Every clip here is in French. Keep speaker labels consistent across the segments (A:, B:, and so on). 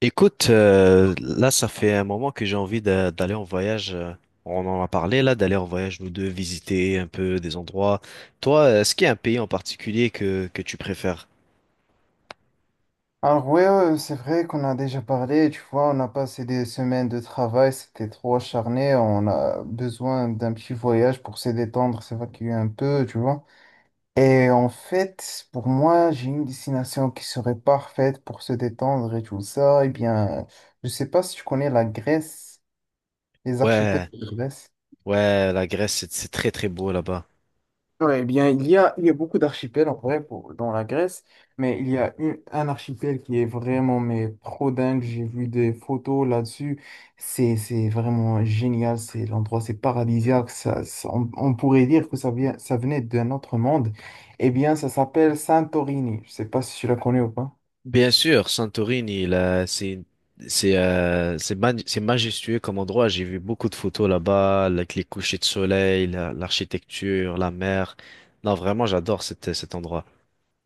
A: Écoute, là, ça fait un moment que j'ai envie d'aller en voyage. On en a parlé là, d'aller en voyage nous deux, visiter un peu des endroits. Toi, est-ce qu'il y a un pays en particulier que tu préfères?
B: Alors ouais, c'est vrai qu'on a déjà parlé, tu vois, on a passé des semaines de travail, c'était trop acharné, on a besoin d'un petit voyage pour se détendre, s'évacuer un peu, tu vois. Et en fait, pour moi, j'ai une destination qui serait parfaite pour se détendre et tout ça. Eh bien, je sais pas si tu connais la Grèce, les archipels
A: Ouais,
B: de Grèce.
A: ouais, la Grèce, c'est très très beau là-bas.
B: Ouais, eh bien, il y a beaucoup d'archipels en vrai dans la Grèce, mais il y a un archipel qui est vraiment mais trop dingue. J'ai vu des photos là-dessus. C'est vraiment génial. C'est l'endroit, c'est paradisiaque. On pourrait dire que ça venait d'un autre monde. Eh bien, ça s'appelle Santorini. Je sais pas si tu la connais ou pas.
A: Bien sûr, Santorini, là, c'est majestueux comme endroit. J'ai vu beaucoup de photos là-bas, avec les couchers de soleil, l'architecture, la mer. Non, vraiment, j'adore cet endroit.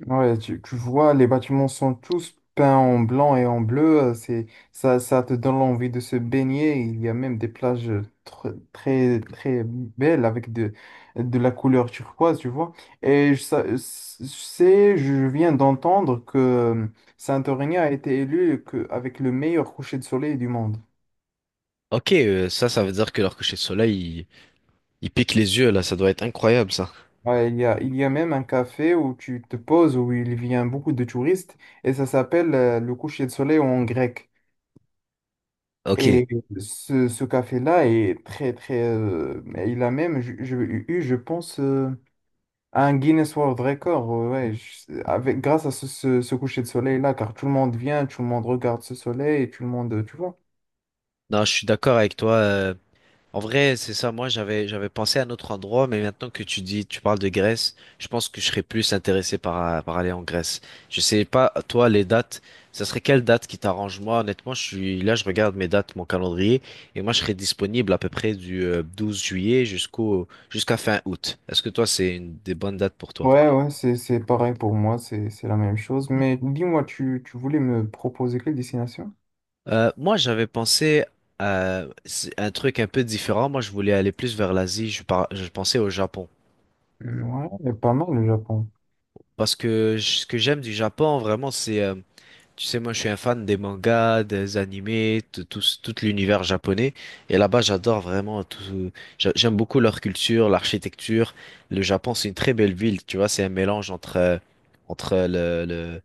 B: Ouais, tu vois, les bâtiments sont tous peints en blanc et en bleu. Ça te donne envie de se baigner. Il y a même des plages très, très belles avec de la couleur turquoise, tu vois. Et je, sa- je sais, Je viens d'entendre que Santorini a été élu avec le meilleur coucher de soleil du monde.
A: OK, ça veut dire que leur coucher de soleil, il pique les yeux là. Ça doit être incroyable, ça.
B: Ouais, il y a même un café où tu te poses, où il vient beaucoup de touristes, et ça s'appelle le coucher de soleil en grec.
A: OK.
B: Et ce café-là est très, très. Mais il a même je pense, un Guinness World Record, ouais, grâce à ce coucher de soleil-là, car tout le monde vient, tout le monde regarde ce soleil, et tout le monde, tu vois.
A: Non, je suis d'accord avec toi. En vrai, c'est ça. Moi, j'avais pensé à un autre endroit, mais maintenant que tu dis, tu parles de Grèce, je pense que je serais plus intéressé par aller en Grèce. Je sais pas, toi, les dates, ça serait quelle date qui t'arrange? Moi, honnêtement, je suis là, je regarde mes dates, mon calendrier, et moi, je serais disponible à peu près du 12 juillet jusqu'à fin août. Est-ce que toi, c'est une des bonnes dates pour toi?
B: Ouais, ouais, c'est pareil pour moi, c'est la même chose. Mais dis-moi, tu voulais me proposer quelle destination?
A: Moi, j'avais pensé à un truc un peu différent. Moi, je voulais aller plus vers l'Asie. Je pensais au Japon.
B: Hmm. Ouais, pas mal le Japon.
A: Ce que j'aime du Japon, vraiment, c'est tu sais, moi, je suis un fan des mangas, des animés, de tout, tout l'univers japonais. Et là-bas, j'adore vraiment tout. J'aime beaucoup leur culture, l'architecture. Le Japon, c'est une très belle ville. Tu vois, c'est un mélange entre le, le,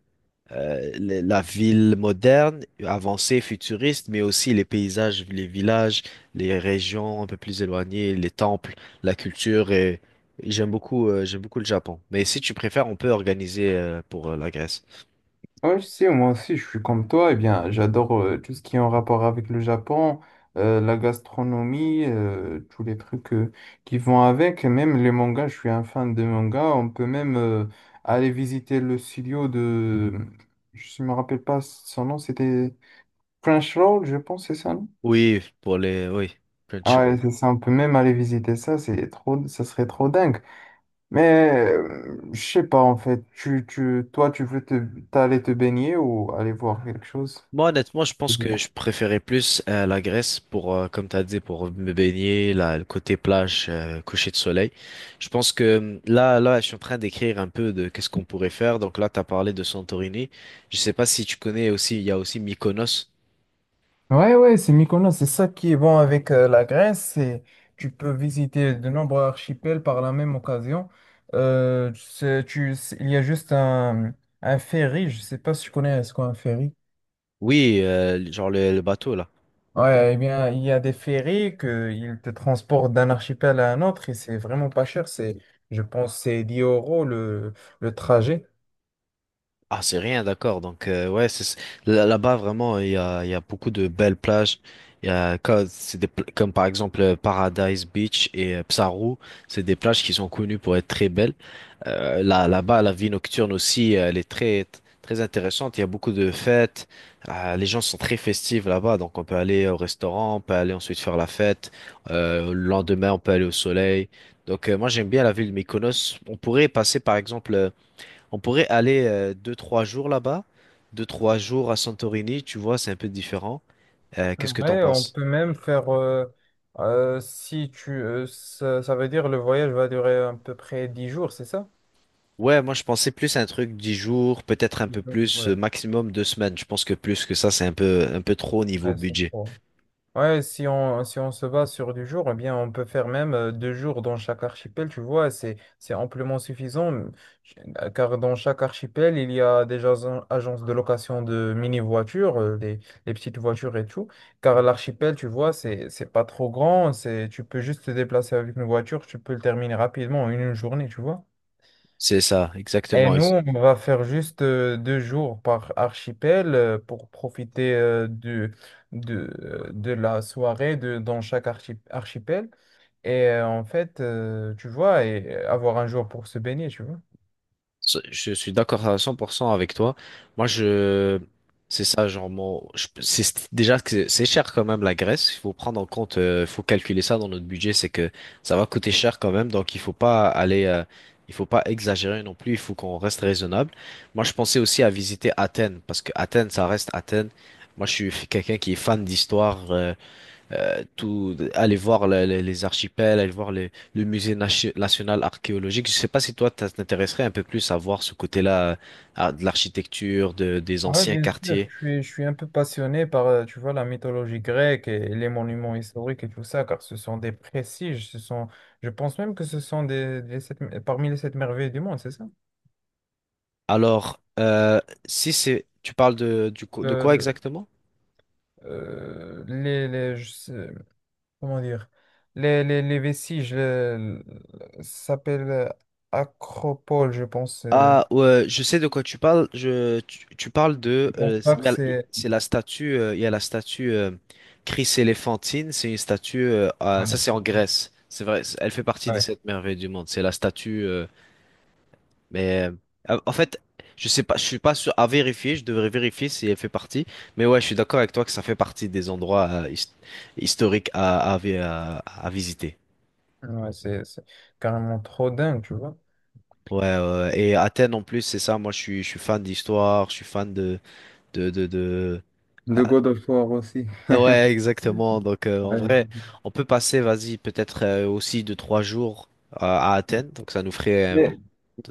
A: euh, le- la ville moderne, avancée, futuriste, mais aussi les paysages, les villages, les régions un peu plus éloignées, les temples, la culture. Et j'aime beaucoup le Japon. Mais si tu préfères, on peut organiser, pour la Grèce.
B: Oui, si, moi aussi, je suis comme toi. Eh bien, j'adore tout ce qui est en rapport avec le Japon, la gastronomie, tous les trucs qui vont avec. Et même les mangas, je suis un fan de mangas. On peut même aller visiter le studio de... Je ne me rappelle pas son nom, c'était French je pense, c'est ça, non?
A: Oui, pour les, oui,
B: Ah ouais,
A: Crunchyroll.
B: c'est ça, on peut même aller visiter ça, c'est trop, ça serait trop dingue. Mais je sais pas en fait, toi tu veux t'aller te baigner ou aller voir quelque chose?
A: Moi, honnêtement, je pense que je préférais plus la Grèce pour, comme t'as dit, pour me baigner, là, le côté plage, coucher de soleil. Je pense que là, là, je suis en train d'écrire un peu de qu'est-ce qu'on pourrait faire. Donc là, t'as parlé de Santorini. Je sais pas si tu connais aussi, il y a aussi Mykonos.
B: Ouais, ouais, c'est Mykonos, c'est ça qui est bon avec la Grèce, c'est tu peux visiter de nombreux archipels par la même occasion. Il y a juste un ferry, je sais pas si tu connais ce qu'est un ferry.
A: Oui, genre le bateau là.
B: Ouais, eh bien, il y a des ferries que ils te transportent d'un archipel à un autre et c'est vraiment pas cher, je pense, c'est 10 € le trajet.
A: Ah, c'est rien, d'accord. Donc, ouais, là-bas, vraiment, il y a beaucoup de belles plages. Il y a, co- c'est des, pla- comme par exemple Paradise Beach et Psaru. C'est des plages qui sont connues pour être très belles. Là, là-bas, la vie nocturne aussi, elle est très, très intéressante. Il y a beaucoup de fêtes. Les gens sont très festifs là-bas. Donc, on peut aller au restaurant, on peut aller ensuite faire la fête. Le lendemain, on peut aller au soleil. Donc, moi, j'aime bien la ville de Mykonos. On pourrait passer, par exemple, on pourrait aller deux, trois jours là-bas, deux, trois jours à Santorini, tu vois, c'est un peu différent. Qu'est-ce que t'en
B: Ouais, on
A: penses?
B: peut même faire, si tu, ça veut dire le voyage va durer à peu près 10 jours, c'est ça?
A: Ouais, moi je pensais plus à un truc 10 jours, peut-être un peu plus,
B: Ouais,
A: maximum 2 semaines. Je pense que plus que ça, c'est un peu trop au niveau
B: ouais, c'est
A: budget.
B: trop. Ouais, si on se base sur du jour, eh bien, on peut faire même 2 jours dans chaque archipel, tu vois, c'est amplement suffisant, car dans chaque archipel, il y a des agences de location de mini-voitures, les petites voitures et tout, car l'archipel, tu vois, c'est pas trop grand, tu peux juste te déplacer avec une voiture, tu peux le terminer rapidement en une journée, tu vois.
A: C'est ça,
B: Et
A: exactement.
B: nous, on va faire juste 2 jours par archipel pour profiter de la soirée dans chaque archipel. Et en fait, tu vois, et avoir un jour pour se baigner, tu vois.
A: Je suis d'accord à 100% avec toi. Moi, je, c'est ça, genre, mon, je- c'est- déjà que c'est cher quand même la Grèce. Il faut prendre en compte, faut calculer ça dans notre budget, c'est que ça va coûter cher quand même. Donc, il faut pas exagérer non plus. Il faut qu'on reste raisonnable. Moi, je pensais aussi à visiter Athènes parce que Athènes, ça reste Athènes. Moi, je suis quelqu'un qui est fan d'histoire. Tout, aller voir les archipels, aller voir le musée national archéologique. Je sais pas si toi, ça t'intéresserait un peu plus à voir ce côté-là, de l'architecture, des
B: Oui,
A: anciens
B: bien sûr, je
A: quartiers.
B: suis, je suis un peu passionné par, tu vois, la mythologie grecque et les monuments historiques et tout ça, car ce sont des prestiges, je pense même que ce sont parmi les sept merveilles du monde, c'est ça?
A: Alors, si c'est, tu parles de, de
B: Le-
A: quoi
B: le-
A: exactement?
B: euh, les, les- je sais- Comment dire, les vestiges, ça s'appelle Acropole, je pense.
A: Ah, ouais, je sais de quoi tu parles. Je, tu parles de,
B: Je pense pas que c'est.
A: C'est la statue, il y a la statue Chris Éléphantine. C'est une statue, ça
B: Ouais,
A: c'est en Grèce. C'est vrai, elle fait partie des
B: ouais,
A: sept merveilles du monde. C'est la statue. Mais en fait, je sais pas, je suis pas sûr à vérifier, je devrais vérifier si elle fait partie. Mais ouais, je suis d'accord avec toi que ça fait partie des endroits historiques à visiter.
B: ouais, c'est carrément trop dingue, tu vois.
A: Ouais, ouais, ouais. Et Athènes en plus, c'est ça, moi je suis fan d'histoire, je suis fan de...
B: De
A: Ah,
B: God of War aussi.
A: ouais, exactement. Donc en vrai,
B: Ouais.
A: on peut passer, vas-y, peut-être aussi de 3 jours à Athènes. Donc ça nous ferait...
B: Mais,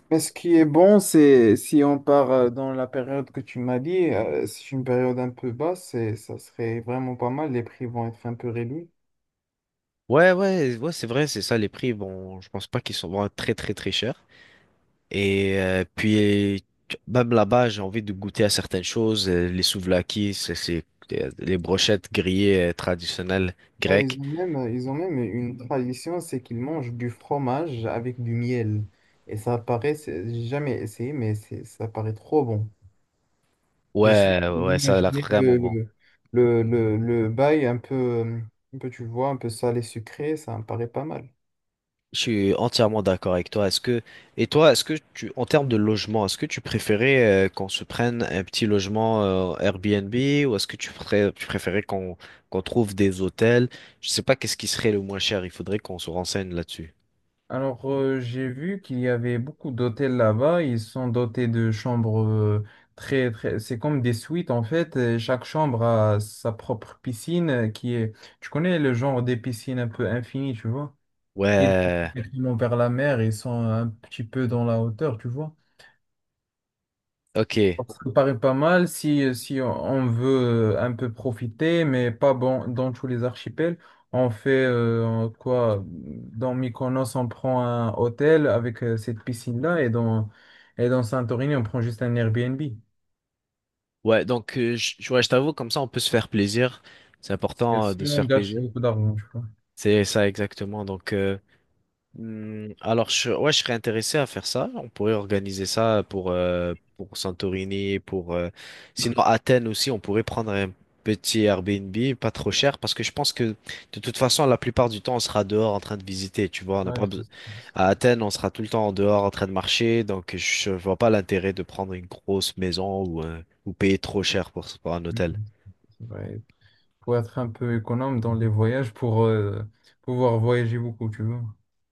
B: mais ce qui est bon, c'est si on part dans la période que tu m'as dit, c'est une période un peu basse, et ça serait vraiment pas mal. Les prix vont être un peu réduits.
A: Ouais, ouais, ouais, c'est vrai, c'est ça, les prix, bon, je pense pas qu'ils sont vraiment très, très, très chers. Et puis, même là-bas, j'ai envie de goûter à certaines choses. Les souvlaki, les brochettes grillées traditionnelles
B: Ah, ils
A: grecques.
B: ont même, euh, ils ont même une tradition, c'est qu'ils mangent du fromage avec du miel. Et ça paraît, j'ai jamais essayé, mais ça paraît trop bon. Je sais,
A: Ouais, ouais, ça a l'air
B: d'imaginer
A: vraiment
B: le,
A: bon.
B: le, le, le, le bail un peu, tu vois, un peu salé sucré, ça me paraît pas mal.
A: Je suis entièrement d'accord avec toi. Et toi, est-ce que tu, en termes de logement, est-ce que tu préférais qu'on se prenne un petit logement Airbnb ou est-ce que tu préférais qu'on trouve des hôtels? Je sais pas qu'est-ce qui serait le moins cher. Il faudrait qu'on se renseigne là-dessus.
B: Alors, j'ai vu qu'il y avait beaucoup d'hôtels là-bas. Ils sont dotés de chambres très, très... C'est comme des suites, en fait. Et chaque chambre a sa propre piscine qui est... Tu connais le genre des piscines un peu infinies, tu vois? Qui est
A: Ouais,
B: directement vers la mer. Ils sont un petit peu dans la hauteur, tu vois?
A: OK.
B: Ça me paraît pas mal si on veut un peu profiter, mais pas bon, dans tous les archipels. On fait quoi? Dans Mykonos, on prend un hôtel avec cette piscine-là et dans Santorini, on prend juste un Airbnb. Et
A: Ouais, ouais, je t'avoue, comme ça on peut se faire plaisir. C'est important de
B: si
A: se
B: on
A: faire
B: gâche
A: plaisir.
B: beaucoup d'argent, je crois.
A: C'est ça exactement. Alors, ouais, je serais intéressé à faire ça. On pourrait organiser ça pour Santorini, pour, sinon Athènes aussi, on pourrait prendre un petit Airbnb, pas trop cher, parce que je pense que de toute façon, la plupart du temps, on sera dehors en train de visiter, tu vois. On n'a
B: Ouais,
A: pas
B: c'est-
A: À Athènes, on sera tout le temps en dehors en train de marcher, donc je vois pas l'intérêt de prendre une grosse maison ou payer trop cher pour un hôtel.
B: Mhm, c'est vrai. Pour être un peu économe dans les voyages, pour pouvoir voyager beaucoup, tu vois.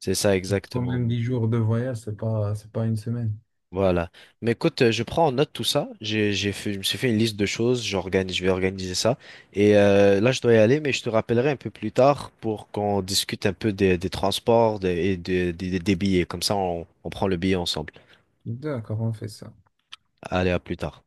A: C'est ça
B: Quand
A: exactement.
B: même 10 jours de voyage, c'est pas une semaine.
A: Voilà. Mais écoute, je prends en note tout ça. J'ai fait, je me suis fait une liste de choses. J'organise, je vais organiser ça. Et là, je dois y aller, mais je te rappellerai un peu plus tard pour qu'on discute un peu des transports et des billets. Comme ça, on prend le billet ensemble.
B: D'accord, on fait ça.
A: Allez, à plus tard.